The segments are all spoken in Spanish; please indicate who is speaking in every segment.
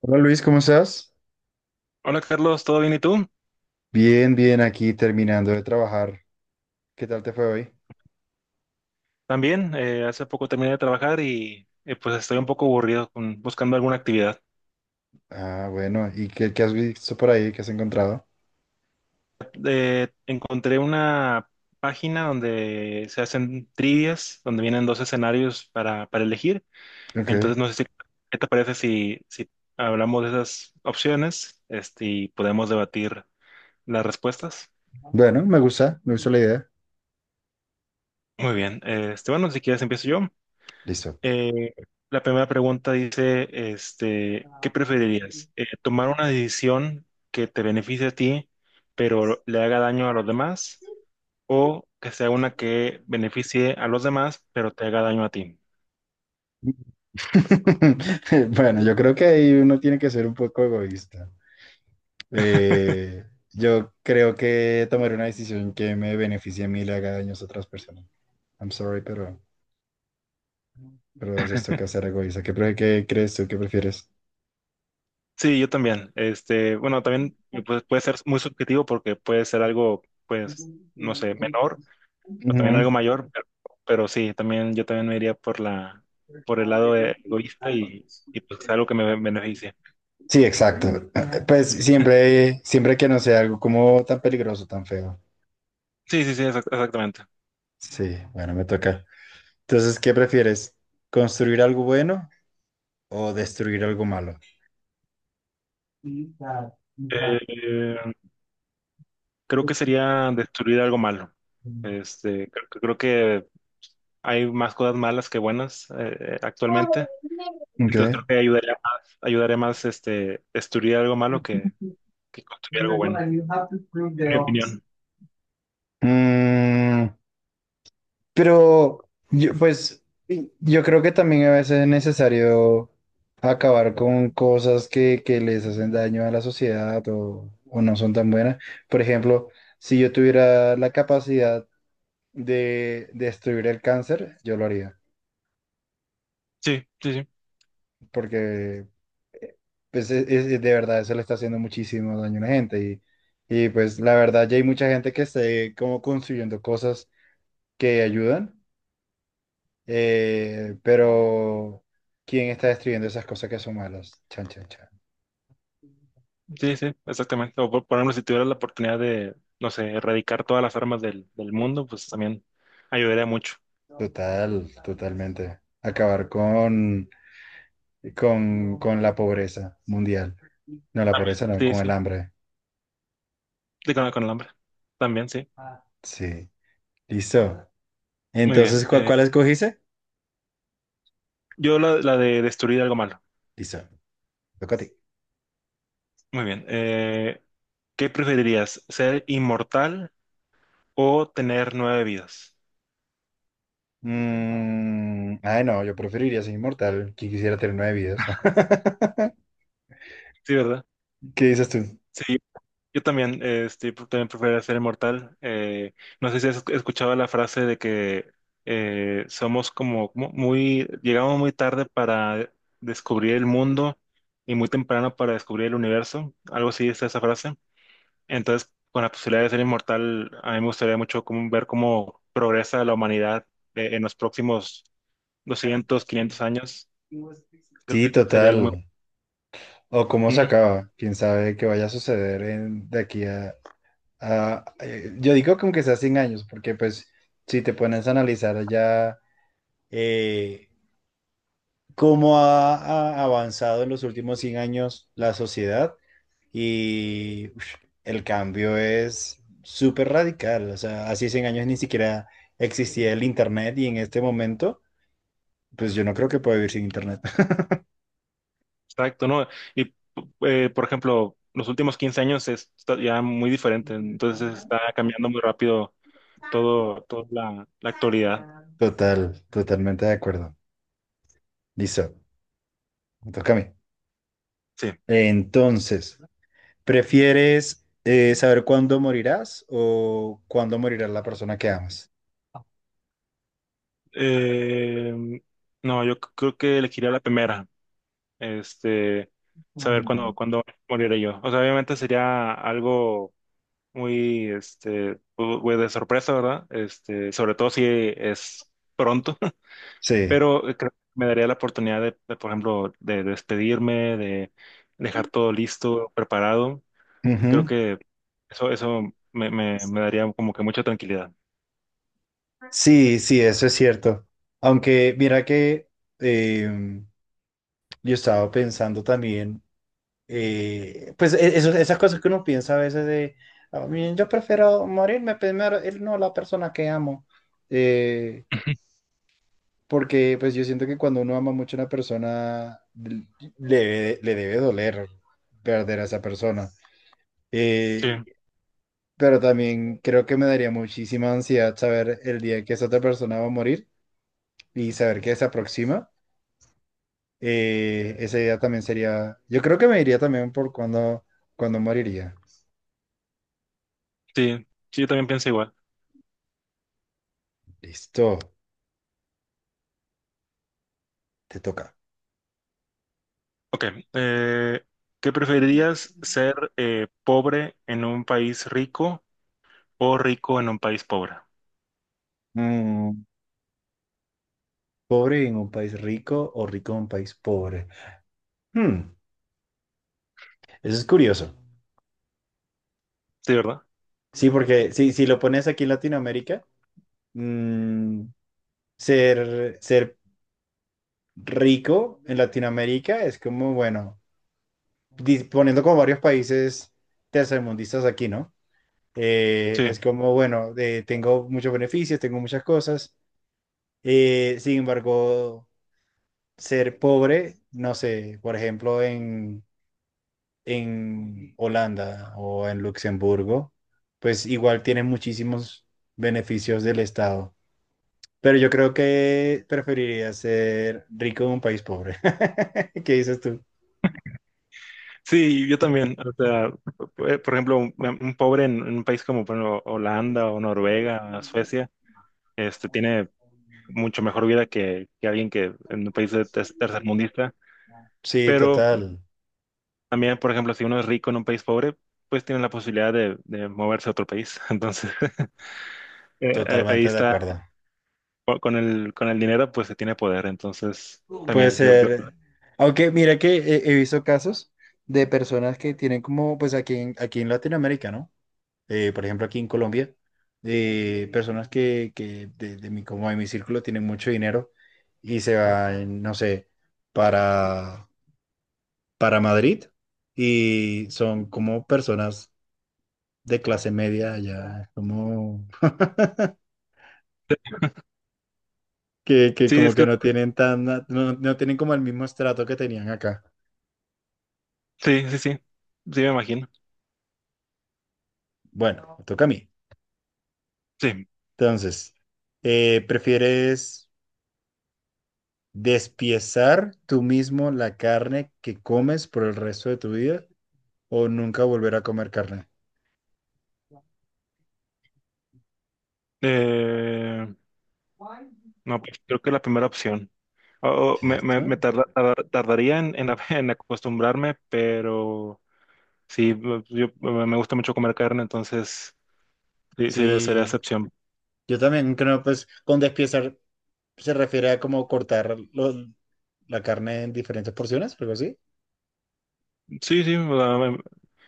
Speaker 1: Hola Luis, ¿cómo estás?
Speaker 2: Hola Carlos, ¿todo bien y tú?
Speaker 1: Bien, bien, aquí terminando de trabajar. ¿Qué tal te fue hoy?
Speaker 2: También, hace poco terminé de trabajar y pues estoy un poco aburrido buscando alguna actividad.
Speaker 1: Ah, bueno, ¿y qué has visto por ahí? ¿Qué has encontrado?
Speaker 2: Encontré una página donde se hacen trivias, donde vienen dos escenarios para, elegir.
Speaker 1: Ok.
Speaker 2: Entonces, no sé si, ¿qué te parece si, hablamos de esas opciones y podemos debatir las respuestas?
Speaker 1: Bueno, me gusta la idea.
Speaker 2: Muy bien, bueno, si quieres empiezo yo.
Speaker 1: Listo.
Speaker 2: Eh, la primera pregunta dice, ¿qué preferirías? ¿Tomar una decisión que te beneficie a ti, pero le haga daño a los demás? ¿O que sea una que beneficie a los demás, pero te haga daño a ti?
Speaker 1: Bueno, yo creo que ahí uno tiene que ser un poco egoísta. Eh, yo creo que tomar una decisión que me beneficie a mí y le haga daños a otras personas. I'm sorry, pero es esto que hacer egoísta. ¿Qué crees tú? ¿Qué prefieres?
Speaker 2: Sí, yo también. Bueno, también pues, puede ser muy subjetivo porque puede ser algo, pues, no sé, menor o también
Speaker 1: Ujú.
Speaker 2: algo mayor, pero sí, también yo también me iría por el lado egoísta y pues algo que me beneficie.
Speaker 1: Sí, exacto. Pues siempre, siempre que no sea algo como tan peligroso, tan feo.
Speaker 2: Sí, sí, sí, exactamente.
Speaker 1: Sí, bueno, me toca. Entonces, ¿qué prefieres? ¿Construir algo bueno o destruir algo malo?
Speaker 2: Eh, Creo que sería destruir algo malo. Creo que hay más cosas malas que buenas actualmente.
Speaker 1: Ok.
Speaker 2: Entonces creo que ayudaría más destruir algo malo que construir algo bueno, en mi opinión.
Speaker 1: Mm, pero yo, pues yo creo que también a veces es necesario acabar con cosas que les hacen daño a la sociedad o no son tan buenas. Por ejemplo, si yo tuviera la capacidad de destruir el cáncer, yo lo haría.
Speaker 2: Sí, sí, sí,
Speaker 1: Porque pues, de verdad eso le está haciendo muchísimo daño a la gente y pues la verdad ya hay mucha gente que esté como construyendo cosas que ayudan, pero ¿quién está destruyendo esas cosas que son malas? Chan, chan, chan.
Speaker 2: sí, sí, exactamente. O por ejemplo, si tuvieras la oportunidad de, no sé, erradicar todas las armas del mundo, pues también ayudaría mucho.
Speaker 1: Total, totalmente. Acabar con, con la pobreza mundial. No, la
Speaker 2: También.
Speaker 1: pobreza no,
Speaker 2: Sí,
Speaker 1: con el
Speaker 2: sí,
Speaker 1: hambre.
Speaker 2: sí, con el hambre. También, sí.
Speaker 1: Sí. Listo.
Speaker 2: Muy bien.
Speaker 1: Entonces, ¿cu- ¿cuál escogiste?
Speaker 2: Yo la de destruir algo malo.
Speaker 1: Listo. Toca a ti.
Speaker 2: Muy bien. ¿Qué preferirías? ¿Ser inmortal o tener nueve vidas?
Speaker 1: Ay, no, yo preferiría ser inmortal, que quisiera tener nueve vidas.
Speaker 2: Sí, ¿verdad?
Speaker 1: ¿Qué dices tú?
Speaker 2: Sí, yo también, yo también preferiría ser inmortal. No sé si has escuchado la frase de que somos como llegamos muy tarde para descubrir el mundo y muy temprano para descubrir el universo. Algo así es esa frase. Entonces, con la posibilidad de ser inmortal, a mí me gustaría mucho ver cómo progresa la humanidad en los próximos 200, 500 años. Creo que
Speaker 1: Sí,
Speaker 2: sería algo muy.
Speaker 1: total. O cómo se
Speaker 2: Mm.
Speaker 1: acaba. Quién sabe qué vaya a suceder de aquí a, yo digo como que sea 100 años, porque pues si te pones a analizar ya eh, cómo ha avanzado en los últimos 100 años la sociedad y uf, el cambio es súper radical. O sea, hace 100 años ni siquiera existía el Internet y en este momento, pues yo no creo que pueda vivir sin Internet.
Speaker 2: Exacto, ¿no? Y por ejemplo, los últimos 15 años está ya muy diferente, entonces está cambiando muy rápido todo, toda la actualidad.
Speaker 1: Total, totalmente de acuerdo. Listo, me toca a mí.
Speaker 2: Sí.
Speaker 1: Entonces, ¿prefieres saber cuándo morirás o cuándo morirá la persona que amas?
Speaker 2: Eh, no, yo creo que elegiría la primera, este, saber cuándo moriré yo. O sea, obviamente sería algo muy, pues, de sorpresa, ¿verdad? Sobre todo si es pronto.
Speaker 1: Sí.
Speaker 2: Pero creo que me daría la oportunidad de, por ejemplo, de despedirme, de dejar todo listo, preparado. Creo que eso me daría como que mucha tranquilidad.
Speaker 1: Sí, sí, eso es cierto. Aunque mira que eh, yo estaba pensando también, pues esas cosas que uno piensa a veces de, "Ah, miren, yo prefiero morirme primero, él no la persona que amo, Eh,
Speaker 2: Ujú.
Speaker 1: porque pues yo siento que cuando uno ama mucho a una persona, le debe doler perder a esa persona. Eh,
Speaker 2: Sí,
Speaker 1: pero también creo que me daría muchísima ansiedad saber el día que esa otra persona va a morir y saber que se aproxima. Esa idea también sería. Yo creo que me iría también por cuando moriría.
Speaker 2: sí, sí, yo también pienso igual.
Speaker 1: Listo, te toca.
Speaker 2: Ok, eh, ¿qué preferirías ser pobre en un país rico o rico en un país pobre?
Speaker 1: Mm, ¿pobre en un país rico o rico en un país pobre? Hmm, eso es curioso.
Speaker 2: Sí, ¿verdad?
Speaker 1: Sí, porque si lo pones aquí en Latinoamérica, mm, ser rico en Latinoamérica es como, bueno, poniendo como varios países tercermundistas aquí, ¿no? Es
Speaker 2: Sí,
Speaker 1: como, bueno, tengo muchos beneficios, tengo muchas cosas. Sin embargo, ser pobre, no sé, por ejemplo, en Holanda o en Luxemburgo, pues igual tiene muchísimos beneficios del Estado. Pero yo creo que preferiría ser rico en un país pobre. ¿Qué dices tú?
Speaker 2: sí, yo también. O sea, por ejemplo, un pobre en un país como por ejemplo, Holanda o Noruega, Suecia, tiene mucho mejor vida que alguien que en un país de tercermundista.
Speaker 1: Sí,
Speaker 2: Pero
Speaker 1: total,
Speaker 2: también, por ejemplo, si uno es rico en un país pobre, pues tiene la posibilidad de moverse a otro país. Entonces, ahí
Speaker 1: totalmente de
Speaker 2: está,
Speaker 1: acuerdo.
Speaker 2: con el dinero, pues se tiene poder. Entonces,
Speaker 1: Puede
Speaker 2: también yo,
Speaker 1: ser. Aunque mira que he visto casos de personas que tienen como, pues aquí en Latinoamérica, ¿no? Por ejemplo, aquí en Colombia, personas que de mi, como de mi círculo tienen mucho dinero y se van, no sé, para, para Madrid y son como personas de clase media allá, como que
Speaker 2: sí,
Speaker 1: como
Speaker 2: es que,
Speaker 1: que no tienen tan, no, no tienen como el mismo estrato que tenían acá.
Speaker 2: sí, sí, sí, sí, me imagino.
Speaker 1: Bueno, me toca a mí.
Speaker 2: Sí.
Speaker 1: Entonces, ¿prefieres despiezar tú mismo la carne que comes por el resto de tu vida? O nunca volver a comer carne,
Speaker 2: Eh, no, pues creo que la primera opción. O- o me
Speaker 1: ¿cierto?
Speaker 2: tardaría en acostumbrarme, pero sí, pues yo, me gusta mucho comer carne, entonces. Sí, sería
Speaker 1: Sí,
Speaker 2: excepción.
Speaker 1: yo también creo, pues, con despiezar se refiere a como cortar la carne en diferentes porciones, algo así.
Speaker 2: Sí, sí, o sea,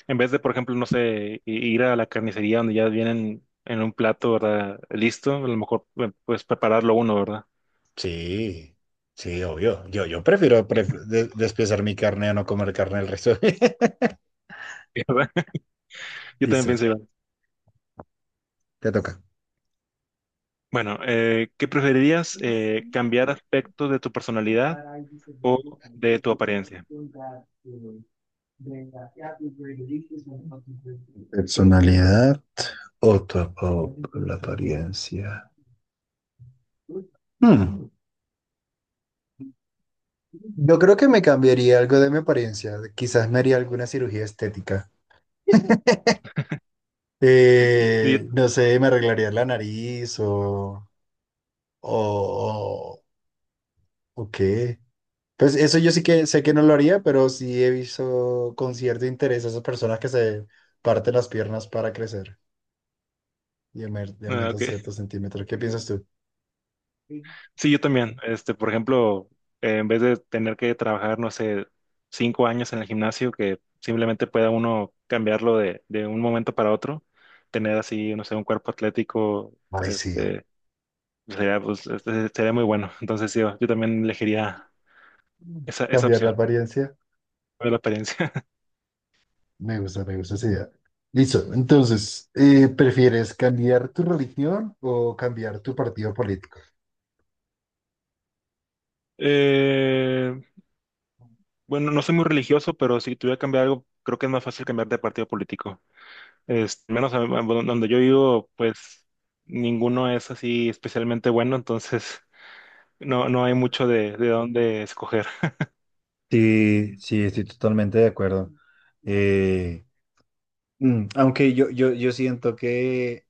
Speaker 2: en vez de, por ejemplo, no sé, ir a la carnicería donde ya vienen en un plato, ¿verdad? Listo, a lo mejor pues prepararlo uno, ¿verdad?
Speaker 1: Sí, sí, obvio. Yo prefiero despiezar mi carne a no comer carne el resto.
Speaker 2: ¿Verdad? Yo también
Speaker 1: Listo,
Speaker 2: pensé, igual.
Speaker 1: te toca.
Speaker 2: Bueno, ¿qué preferirías? ¿Cambiar aspectos de tu personalidad o de tu apariencia?
Speaker 1: Personalidad o la apariencia. Hmm, Yo creo que me cambiaría algo de mi apariencia. Quizás me haría alguna cirugía estética.
Speaker 2: Y
Speaker 1: No sé, me arreglaría la nariz o, o, o, o qué. Pues eso yo sí que sé que no lo haría, pero sí he visto con cierto interés a esas personas que se parten las piernas para crecer y y
Speaker 2: ah,
Speaker 1: aumentan
Speaker 2: ok.
Speaker 1: ciertos centímetros. ¿Qué piensas tú?
Speaker 2: Sí, yo también. Por ejemplo, en vez de tener que trabajar, no sé, 5 años en el gimnasio, que simplemente pueda uno cambiarlo de un momento para otro, tener así, no sé, un cuerpo atlético,
Speaker 1: Ay, sí.
Speaker 2: este, sería muy bueno. Entonces, sí, yo también elegiría esa
Speaker 1: Cambiar la
Speaker 2: opción
Speaker 1: apariencia.
Speaker 2: de la apariencia.
Speaker 1: Me gusta esa idea. Listo. Entonces, ¿prefieres cambiar tu religión o cambiar tu partido político?
Speaker 2: Eh, bueno, no soy muy religioso, pero si tuviera que cambiar algo, creo que es más fácil cambiar de partido político. Menos donde yo vivo, pues ninguno es así especialmente bueno, entonces no hay mucho de dónde escoger.
Speaker 1: Sí, sí, estoy totalmente de acuerdo. Aunque yo siento que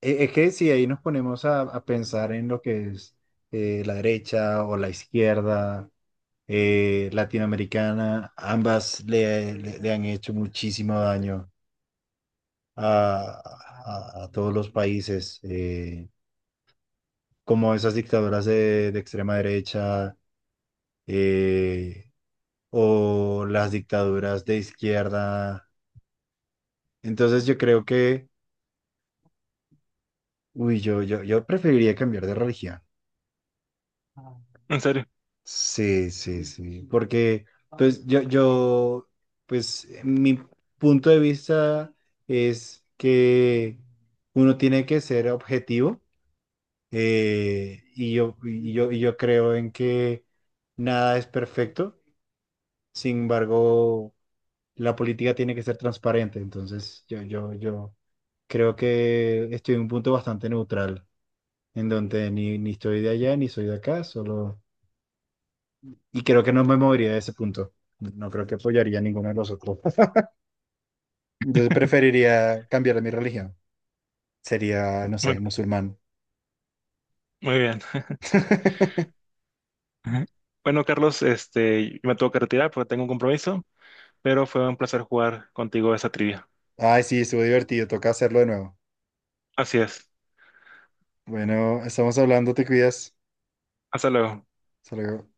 Speaker 1: es que si ahí nos ponemos a pensar en lo que es la derecha o la izquierda latinoamericana, ambas le han hecho muchísimo daño a, a todos los países, como esas dictaduras de extrema derecha eh, o las dictaduras de izquierda. Entonces yo creo que, uy, yo preferiría cambiar de religión.
Speaker 2: En serio.
Speaker 1: Sí, sí, sí, porque pues pues mi punto de vista es que uno tiene que ser objetivo y yo creo en que nada es perfecto, sin embargo, la política tiene que ser transparente, entonces yo creo que estoy en un punto bastante neutral, en donde ni estoy de allá ni soy de acá, solo. Y creo que no me movería de ese punto. No creo que apoyaría a ninguno de los otros. Entonces preferiría cambiar mi religión. Sería, no
Speaker 2: Muy,
Speaker 1: sé, musulmán.
Speaker 2: muy bien. Ajá. Bueno, Carlos, me tengo que retirar porque tengo un compromiso, pero fue un placer jugar contigo esa trivia.
Speaker 1: Ay, sí, estuvo divertido. Toca hacerlo de nuevo.
Speaker 2: Así es.
Speaker 1: Bueno, estamos hablando, te cuidas.
Speaker 2: Hasta luego.
Speaker 1: Hasta luego.